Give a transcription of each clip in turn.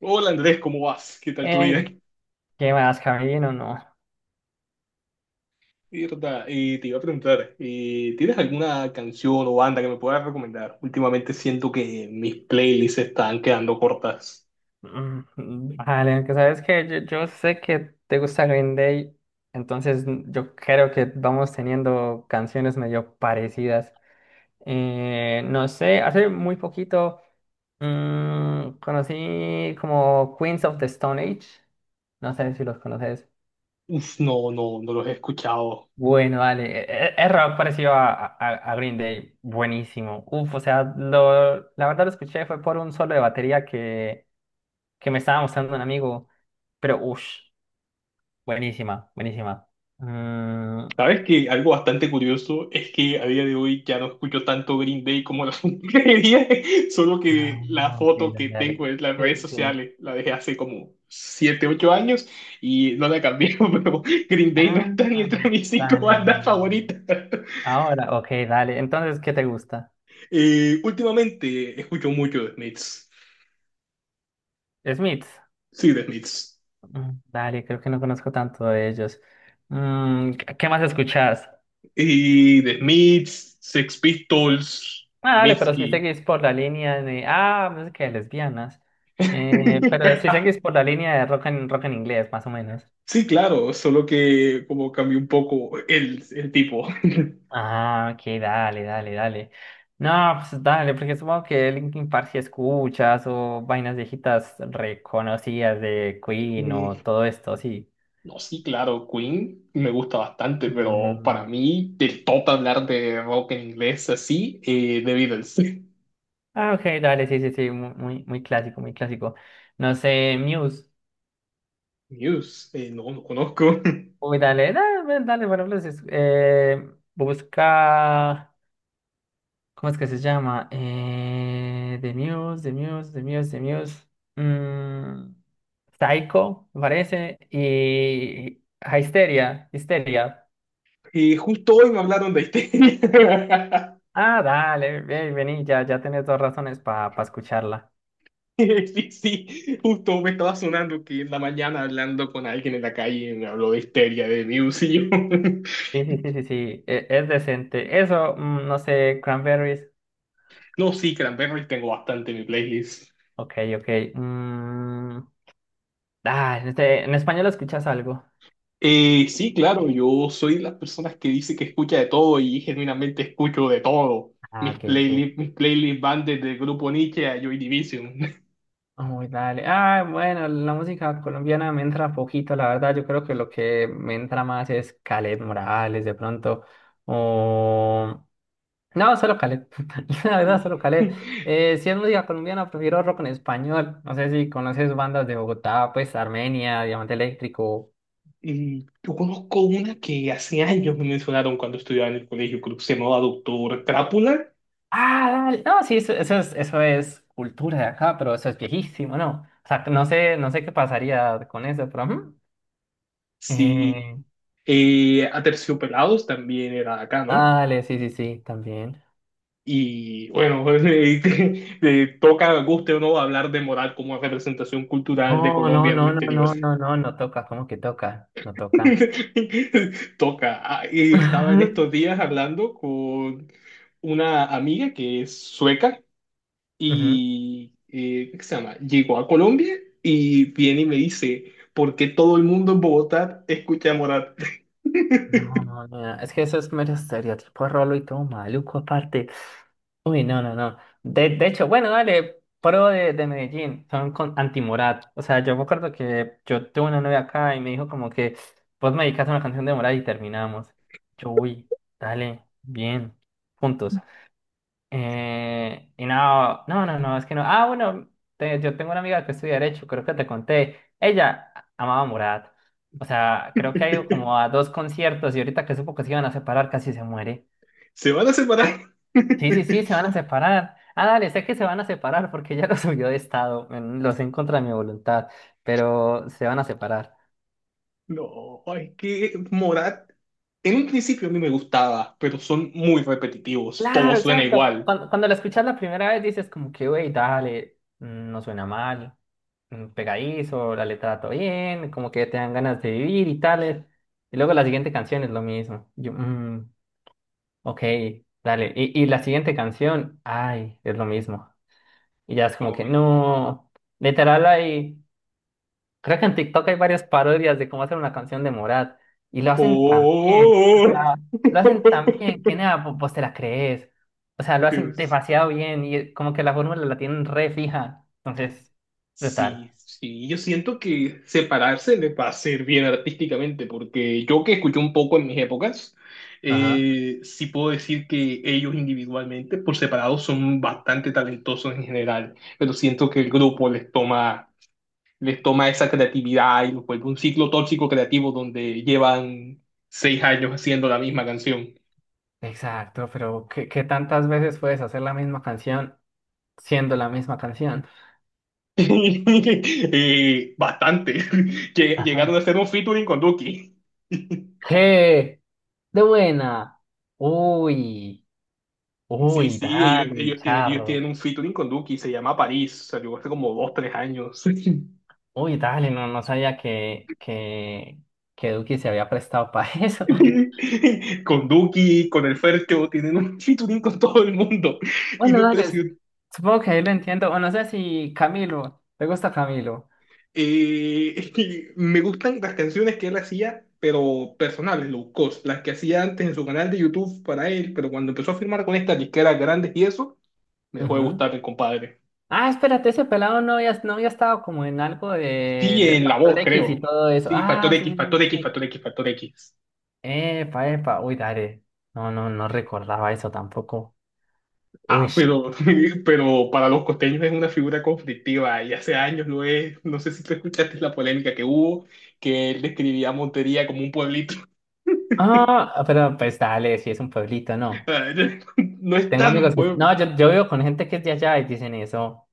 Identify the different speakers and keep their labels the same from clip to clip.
Speaker 1: Hola Andrés, ¿cómo vas? ¿Qué tal tu
Speaker 2: Ey,
Speaker 1: día?
Speaker 2: ¿qué más, Kevin o No?
Speaker 1: Y, Rota, y te iba a preguntar, ¿tienes alguna canción o banda que me puedas recomendar? Últimamente siento que mis playlists están quedando cortas.
Speaker 2: Vale, aunque sabes que yo sé que te gusta Green Day, entonces yo creo que vamos teniendo canciones medio parecidas. No sé, hace muy poquito conocí como Queens of the Stone Age. No sé si los conoces.
Speaker 1: Uf, no, no, no los he escuchado.
Speaker 2: Bueno, dale, es rock parecido a Green Day, buenísimo. Uf, o sea, lo, la verdad lo escuché fue por un solo de batería que me estaba mostrando un amigo, pero uff, buenísima, buenísima. Mm,
Speaker 1: Sabes que algo bastante curioso es que a día de hoy ya no escucho tanto Green Day como la quería, solo que la
Speaker 2: ah, ok,
Speaker 1: foto
Speaker 2: dale,
Speaker 1: que tengo
Speaker 2: dale.
Speaker 1: en las
Speaker 2: Sí,
Speaker 1: redes
Speaker 2: sí, sí.
Speaker 1: sociales la dejé hace como 7, 8 años y no la cambié, pero Green
Speaker 2: Ah,
Speaker 1: Day no está ni entre mis cinco
Speaker 2: dale,
Speaker 1: bandas
Speaker 2: dale, dale.
Speaker 1: favoritas.
Speaker 2: Ahora, ok, dale. Entonces, ¿qué te gusta?
Speaker 1: Últimamente escucho mucho de Smiths.
Speaker 2: Smith.
Speaker 1: Sí, de Smiths.
Speaker 2: Dale, creo que no conozco tanto de ellos. ¿Qué más escuchás?
Speaker 1: Y de Smiths, Sex Pistols,
Speaker 2: Ah, dale, pero si
Speaker 1: Mitski.
Speaker 2: seguís por la línea de, música de lesbianas. Pero si seguís por la línea de rock en, rock en inglés, más o menos.
Speaker 1: Sí, claro, solo que como cambió un poco el tipo.
Speaker 2: Ah, ok, dale, dale, dale. No, pues dale, porque supongo que Linkin Park si escuchas o vainas viejitas reconocidas de Queen
Speaker 1: Eh,
Speaker 2: o todo esto, sí.
Speaker 1: No, sí, claro, Queen me gusta bastante, pero para
Speaker 2: Mm.
Speaker 1: mí, del top hablar de rock en inglés así, The Beatles.
Speaker 2: Ah, ok, dale, sí, sí, sí, muy, muy clásico, muy clásico. No sé, Muse.
Speaker 1: News, no, no conozco.
Speaker 2: Uy, dale, dale, dale, bueno, pues, busca. ¿Cómo es que se llama? The Muse, The Muse, The Muse, The Muse. mm, Psycho, me parece. Y ah, Histeria, Histeria.
Speaker 1: Y justo hoy me hablaron de este.
Speaker 2: Ah, dale, ven, vení, ya, ya tenés dos razones para escucharla.
Speaker 1: Sí, sí, justo me estaba sonando que en la mañana hablando con alguien en la calle me habló de Histeria de Muse y yo,
Speaker 2: Sí, sí, sí, sí, sí, es decente. Eso, no sé, Cranberries.
Speaker 1: no, sí, Cranberries tengo bastante en mi playlist.
Speaker 2: Ok, ok. En, en español escuchas algo.
Speaker 1: Sí, claro, yo soy de las personas que dice que escucha de todo y genuinamente escucho de todo.
Speaker 2: Ah,
Speaker 1: Mis
Speaker 2: ok. Ok.
Speaker 1: playlists, mis playlists van desde el Grupo Nietzsche a Joy Division.
Speaker 2: Uy, dale. Ah, bueno, la música colombiana me entra poquito, la verdad. Yo creo que lo que me entra más es Caleb Morales, de pronto. O... No, solo Caleb. La verdad, solo Caleb. Si es música colombiana, prefiero rock en español. No sé si conoces bandas de Bogotá, pues Armenia, Diamante Eléctrico.
Speaker 1: Y yo conozco una que hace años me mencionaron cuando estudiaba en el colegio, creo que se llamaba Doctor Crápula.
Speaker 2: Ah, dale. No, sí, eso, eso es cultura de acá, pero eso es viejísimo, ¿no? O sea, no sé, no sé qué pasaría con eso, pero ujú.
Speaker 1: Sí,
Speaker 2: Eh,
Speaker 1: Aterciopelados también era acá, ¿no?
Speaker 2: Dale, sí, sí, sí, también.
Speaker 1: Y bueno, toca, guste o no, hablar de moral como representación cultural de
Speaker 2: No, no,
Speaker 1: Colombia en el
Speaker 2: no, no,
Speaker 1: exterior.
Speaker 2: no, no, no, no toca, ¿cómo que toca? No toca.
Speaker 1: Toca. Ah, y estaba en estos días hablando con una amiga que es sueca
Speaker 2: Ujú.
Speaker 1: y, ¿qué se llama? Llegó a Colombia y viene y me dice, ¿por qué todo el mundo en Bogotá escucha a Morat?
Speaker 2: No, no, no, es que eso es mero estereotipo rolo y todo maluco aparte. Uy, no, no, no. De hecho, bueno, dale, pro de Medellín, son con anti-Morat. O sea, yo me acuerdo que yo tuve una novia acá y me dijo como que vos me dedicaste una canción de Morat y terminamos. Yo, uy, dale, bien, juntos. Y no, no, no, no, es que no. Ah, bueno, yo tengo una amiga que estudia Derecho, creo que te conté. Ella amaba a Morat. O sea, creo que ha ido como a dos conciertos y ahorita que supo que se iban a separar, casi se muere.
Speaker 1: Se van a separar.
Speaker 2: Sí, sí, sí, se van a separar. Ah, dale, sé que se van a separar porque ella lo subió de estado. Lo sé en contra de mi voluntad, pero se van a separar.
Speaker 1: No, es que Morat, en un principio a mí me gustaba, pero son muy repetitivos, todo
Speaker 2: Claro,
Speaker 1: suena
Speaker 2: exacto.
Speaker 1: igual.
Speaker 2: Cuando la escuchas la primera vez dices como que, güey, dale, no suena mal, pegadizo, la letra todo bien, como que te dan ganas de vivir y tales. Y luego la siguiente canción es lo mismo. Yo, ok, dale. Y la siguiente canción, ay, es lo mismo. Y ya es como
Speaker 1: No.
Speaker 2: que, no, literal ahí. Creo que en TikTok hay varias parodias de cómo hacer una canción de Morat y lo hacen tan bien, o
Speaker 1: Oh,
Speaker 2: sea, lo hacen tan bien que nada, vos te la crees, o sea, lo hacen
Speaker 1: Dios.
Speaker 2: demasiado bien y como que la fórmula la tienen re fija, entonces, brutal.
Speaker 1: Sí, sí, yo siento que separarse le va a hacer bien artísticamente, porque yo que escuché un poco en mis épocas,
Speaker 2: Ajá.
Speaker 1: sí puedo decir que ellos individualmente, por separado, son bastante talentosos en general, pero siento que el grupo les toma esa creatividad y los vuelve un ciclo tóxico creativo donde llevan 6 años haciendo la misma canción.
Speaker 2: Exacto, pero ¿qué tantas veces puedes hacer la misma canción siendo la misma canción?
Speaker 1: Bastante. Lle-
Speaker 2: Ajá.
Speaker 1: Llegaron a hacer un featuring con Duki.
Speaker 2: ¿Qué? De buena. Uy,
Speaker 1: Sí,
Speaker 2: uy,
Speaker 1: sí, ellos,
Speaker 2: dale,
Speaker 1: ellos, tie- ellos
Speaker 2: charro.
Speaker 1: tienen un featuring con Duki, se llama París, salió hace como 2, 3 años.
Speaker 2: Uy, dale, no, no sabía que Duki se había prestado para eso.
Speaker 1: Con Duki, con el Fercho, tienen un featuring con todo el mundo. Y
Speaker 2: Bueno,
Speaker 1: lo
Speaker 2: dale,
Speaker 1: impresionante.
Speaker 2: supongo que ahí lo entiendo. O no sé si Camilo, ¿te gusta Camilo?
Speaker 1: Y me gustan las canciones que él hacía, pero personales, low cost, las que hacía antes en su canal de YouTube para él, pero cuando empezó a firmar con estas disqueras grandes y eso, me dejó de
Speaker 2: Ujú.
Speaker 1: gustar el compadre.
Speaker 2: Ah, espérate, ese pelado no había, no había estado como en algo
Speaker 1: Sí,
Speaker 2: de, del
Speaker 1: en la
Speaker 2: Factor
Speaker 1: voz,
Speaker 2: X
Speaker 1: creo.
Speaker 2: y todo eso.
Speaker 1: Sí, Factor
Speaker 2: Ah, sí,
Speaker 1: X,
Speaker 2: sí,
Speaker 1: Factor
Speaker 2: sí,
Speaker 1: X,
Speaker 2: sí.
Speaker 1: Factor X, Factor X.
Speaker 2: Epa, epa, uy, dale. No, no, no recordaba eso tampoco. Uy.
Speaker 1: Ah, pero, pero para los costeños es una figura conflictiva y hace años lo es. No sé si tú escuchaste la polémica que hubo, que él describía a Montería como un pueblito.
Speaker 2: Ah, pero pues dale, si es un pueblito, no.
Speaker 1: No es
Speaker 2: Tengo
Speaker 1: tan un
Speaker 2: amigos que...
Speaker 1: pueblo.
Speaker 2: No, yo vivo con gente que es de allá y dicen eso.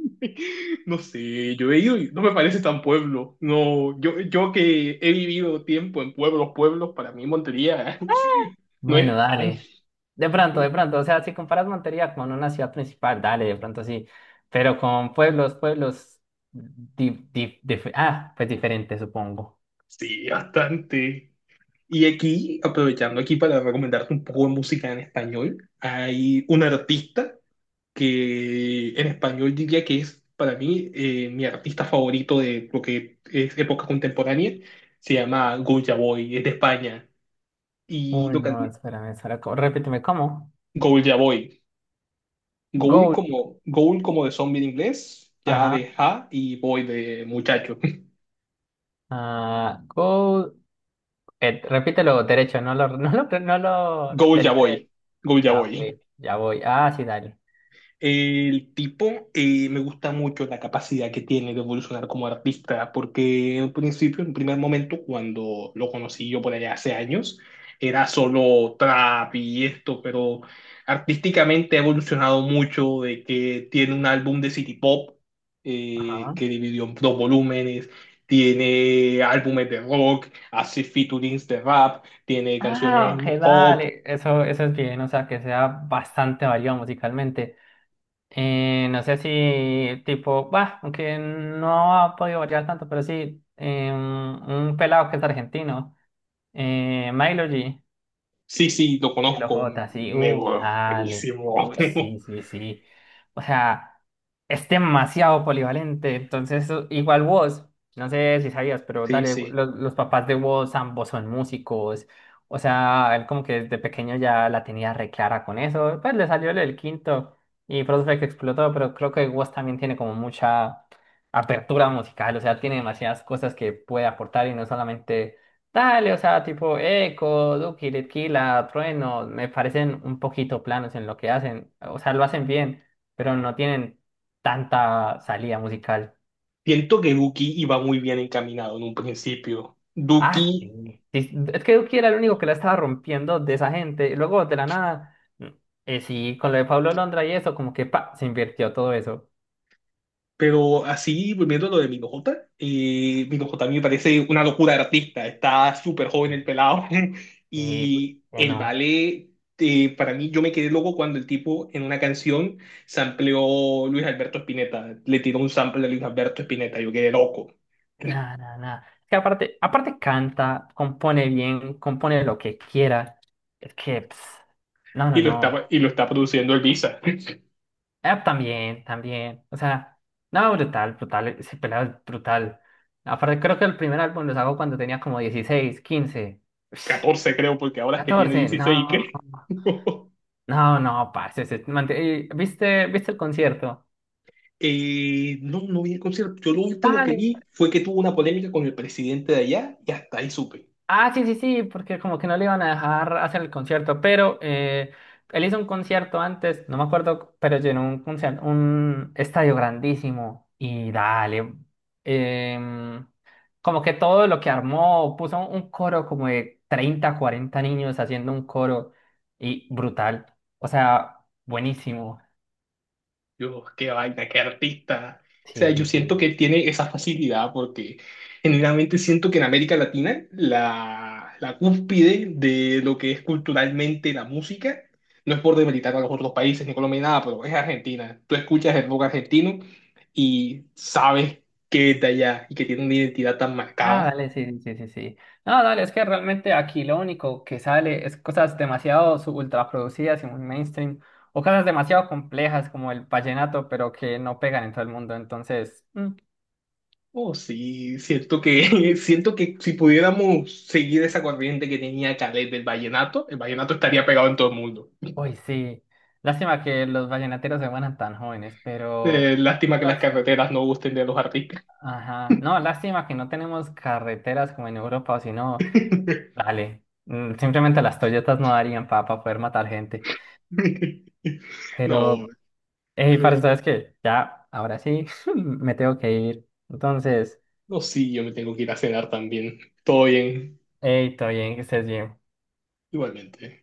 Speaker 1: No sé, yo he ido y no me parece tan pueblo. No, yo que he vivido tiempo en pueblos, pueblos, para mí Montería no
Speaker 2: Bueno,
Speaker 1: es tan,
Speaker 2: dale. De pronto, o sea, si comparas Montería con una ciudad principal, dale, de pronto sí, pero con pueblos, pueblos, pues diferente, supongo.
Speaker 1: sí, bastante. Y aquí, aprovechando aquí para recomendarte un poco de música en español, hay un artista que en español diría que es para mí mi artista favorito de lo que es época contemporánea. Se llama Goya Boy, es de España. Y
Speaker 2: Uy,
Speaker 1: lo que,
Speaker 2: no, espérame, espera, repíteme, ¿cómo?
Speaker 1: Goya Boy.
Speaker 2: Gold,
Speaker 1: Ghoul como de zombie en inglés, ya
Speaker 2: ajá,
Speaker 1: de ja y voy de muchacho.
Speaker 2: ah, gold, repítelo derecho, no lo, no lo, no lo
Speaker 1: Ghoul ya
Speaker 2: deletrees.
Speaker 1: voy, Ghoul ya
Speaker 2: Ah, ok,
Speaker 1: voy.
Speaker 2: ya voy, ah, sí, dale,
Speaker 1: El tipo me gusta mucho la capacidad que tiene de evolucionar como artista, porque en un principio, en un primer momento, cuando lo conocí yo por allá hace años, era solo trap y esto, pero artísticamente ha evolucionado mucho, de que tiene un álbum de City Pop
Speaker 2: ajá.
Speaker 1: que dividió en dos volúmenes, tiene álbumes de rock, hace featurings de rap, tiene
Speaker 2: Ah,
Speaker 1: canciones de
Speaker 2: ok,
Speaker 1: hip hop.
Speaker 2: dale, eso es bien, o sea, que sea bastante variado musicalmente. No sé si tipo, bah, aunque no ha podido variar tanto, pero sí, un pelado que es argentino, Milo G.
Speaker 1: Sí, sí, lo
Speaker 2: Y los
Speaker 1: conozco.
Speaker 2: J sí,
Speaker 1: Me
Speaker 2: dale.
Speaker 1: buenísimo.
Speaker 2: Uy, sí, sí, sí. O sea, es demasiado polivalente. Entonces, igual vos, no sé si sabías, pero
Speaker 1: Sí,
Speaker 2: dale,
Speaker 1: sí.
Speaker 2: los papás de vos ambos son músicos. O sea, él como que desde pequeño ya la tenía re clara con eso. Pues le salió el quinto y por eso fue que explotó, pero creo que vos también tiene como mucha apertura musical. O sea, tiene demasiadas cosas que puede aportar y no solamente. Dale, o sea, tipo Eco, Duki, Litquila, Trueno, me parecen un poquito planos en lo que hacen. O sea, lo hacen bien, pero no tienen tanta salida musical.
Speaker 1: Siento que Duki iba muy bien encaminado en un principio.
Speaker 2: Ah,
Speaker 1: Duki,
Speaker 2: sí, sí, es que Duki era el único que la estaba rompiendo de esa gente. Y luego, de la nada, sí, con lo de Pablo Londra y eso, como que pa, se invirtió todo eso.
Speaker 1: pero así, volviendo a lo de Minojota, Minojota a mí me parece una locura de artista. Está súper joven
Speaker 2: Sí.
Speaker 1: el pelado.
Speaker 2: Y uy,
Speaker 1: Y
Speaker 2: que
Speaker 1: el
Speaker 2: no,
Speaker 1: vale, para mí, yo me quedé loco cuando el tipo en una canción sampleó Luis Alberto Spinetta. Le tiró un sample de Luis Alberto Spinetta. Yo quedé loco.
Speaker 2: nada, nada, nada. Es que aparte, aparte canta, compone bien, compone lo que quiera. Es que, ps, no, no,
Speaker 1: Y lo
Speaker 2: no.
Speaker 1: está, y lo está produciendo Elvisa.
Speaker 2: Ah, también, también. O sea, no, brutal, brutal. Ese pelado es brutal. Aparte, creo que el primer álbum lo sacó cuando tenía como dieciséis quince
Speaker 1: 14 creo, porque ahora es que tiene
Speaker 2: catorce
Speaker 1: 16,
Speaker 2: No,
Speaker 1: creo.
Speaker 2: no, no, parce. Ese man viste el concierto?
Speaker 1: No, no vi el concierto. Yo lo último que
Speaker 2: Dale,
Speaker 1: vi fue que tuvo una polémica con el presidente de allá y hasta ahí supe.
Speaker 2: ah, sí, sí, sí, porque como que no le iban a dejar hacer el concierto, pero él hizo un concierto antes, no me acuerdo, pero llenó un concierto, un estadio grandísimo y dale, em, como que todo lo que armó, puso un coro como de 30 40 niños haciendo un coro y brutal, o sea, buenísimo.
Speaker 1: Yo, qué vaina, qué artista. O sea,
Speaker 2: Sí,
Speaker 1: yo
Speaker 2: sí,
Speaker 1: siento
Speaker 2: sí.
Speaker 1: que tiene esa facilidad porque genuinamente siento que en América Latina la cúspide de lo que es culturalmente la música, no es por demeritar a los otros países, ni Colombia, ni nada, pero es Argentina. Tú escuchas el rock argentino y sabes que es de allá y que tiene una identidad tan
Speaker 2: Ah,
Speaker 1: marcada.
Speaker 2: dale, sí, sí, sí, sí, sí. No, dale, es que realmente aquí lo único que sale es cosas demasiado ultra producidas y muy mainstream, o cosas demasiado complejas como el vallenato, pero que no pegan en todo el mundo. Entonces,
Speaker 1: Oh, sí, siento que, siento que si pudiéramos seguir esa corriente que tenía Calet del vallenato, el vallenato estaría pegado en todo el mundo.
Speaker 2: uy, sí. Lástima que los vallenateros se mueran tan jóvenes, pero.
Speaker 1: Lástima que las
Speaker 2: Parce,
Speaker 1: carreteras no gusten de los artistas.
Speaker 2: ajá. No, lástima que no tenemos carreteras como en Europa, o si no, dale. Simplemente las Toyotas no darían para poder matar gente. Pero.
Speaker 1: No,
Speaker 2: Hey, parce, ¿sabes qué? Ya, ahora sí, me tengo que ir. Entonces,
Speaker 1: no, sí, yo me tengo que ir a cenar también. Todo bien,
Speaker 2: hey, todo bien, que estés bien.
Speaker 1: igualmente.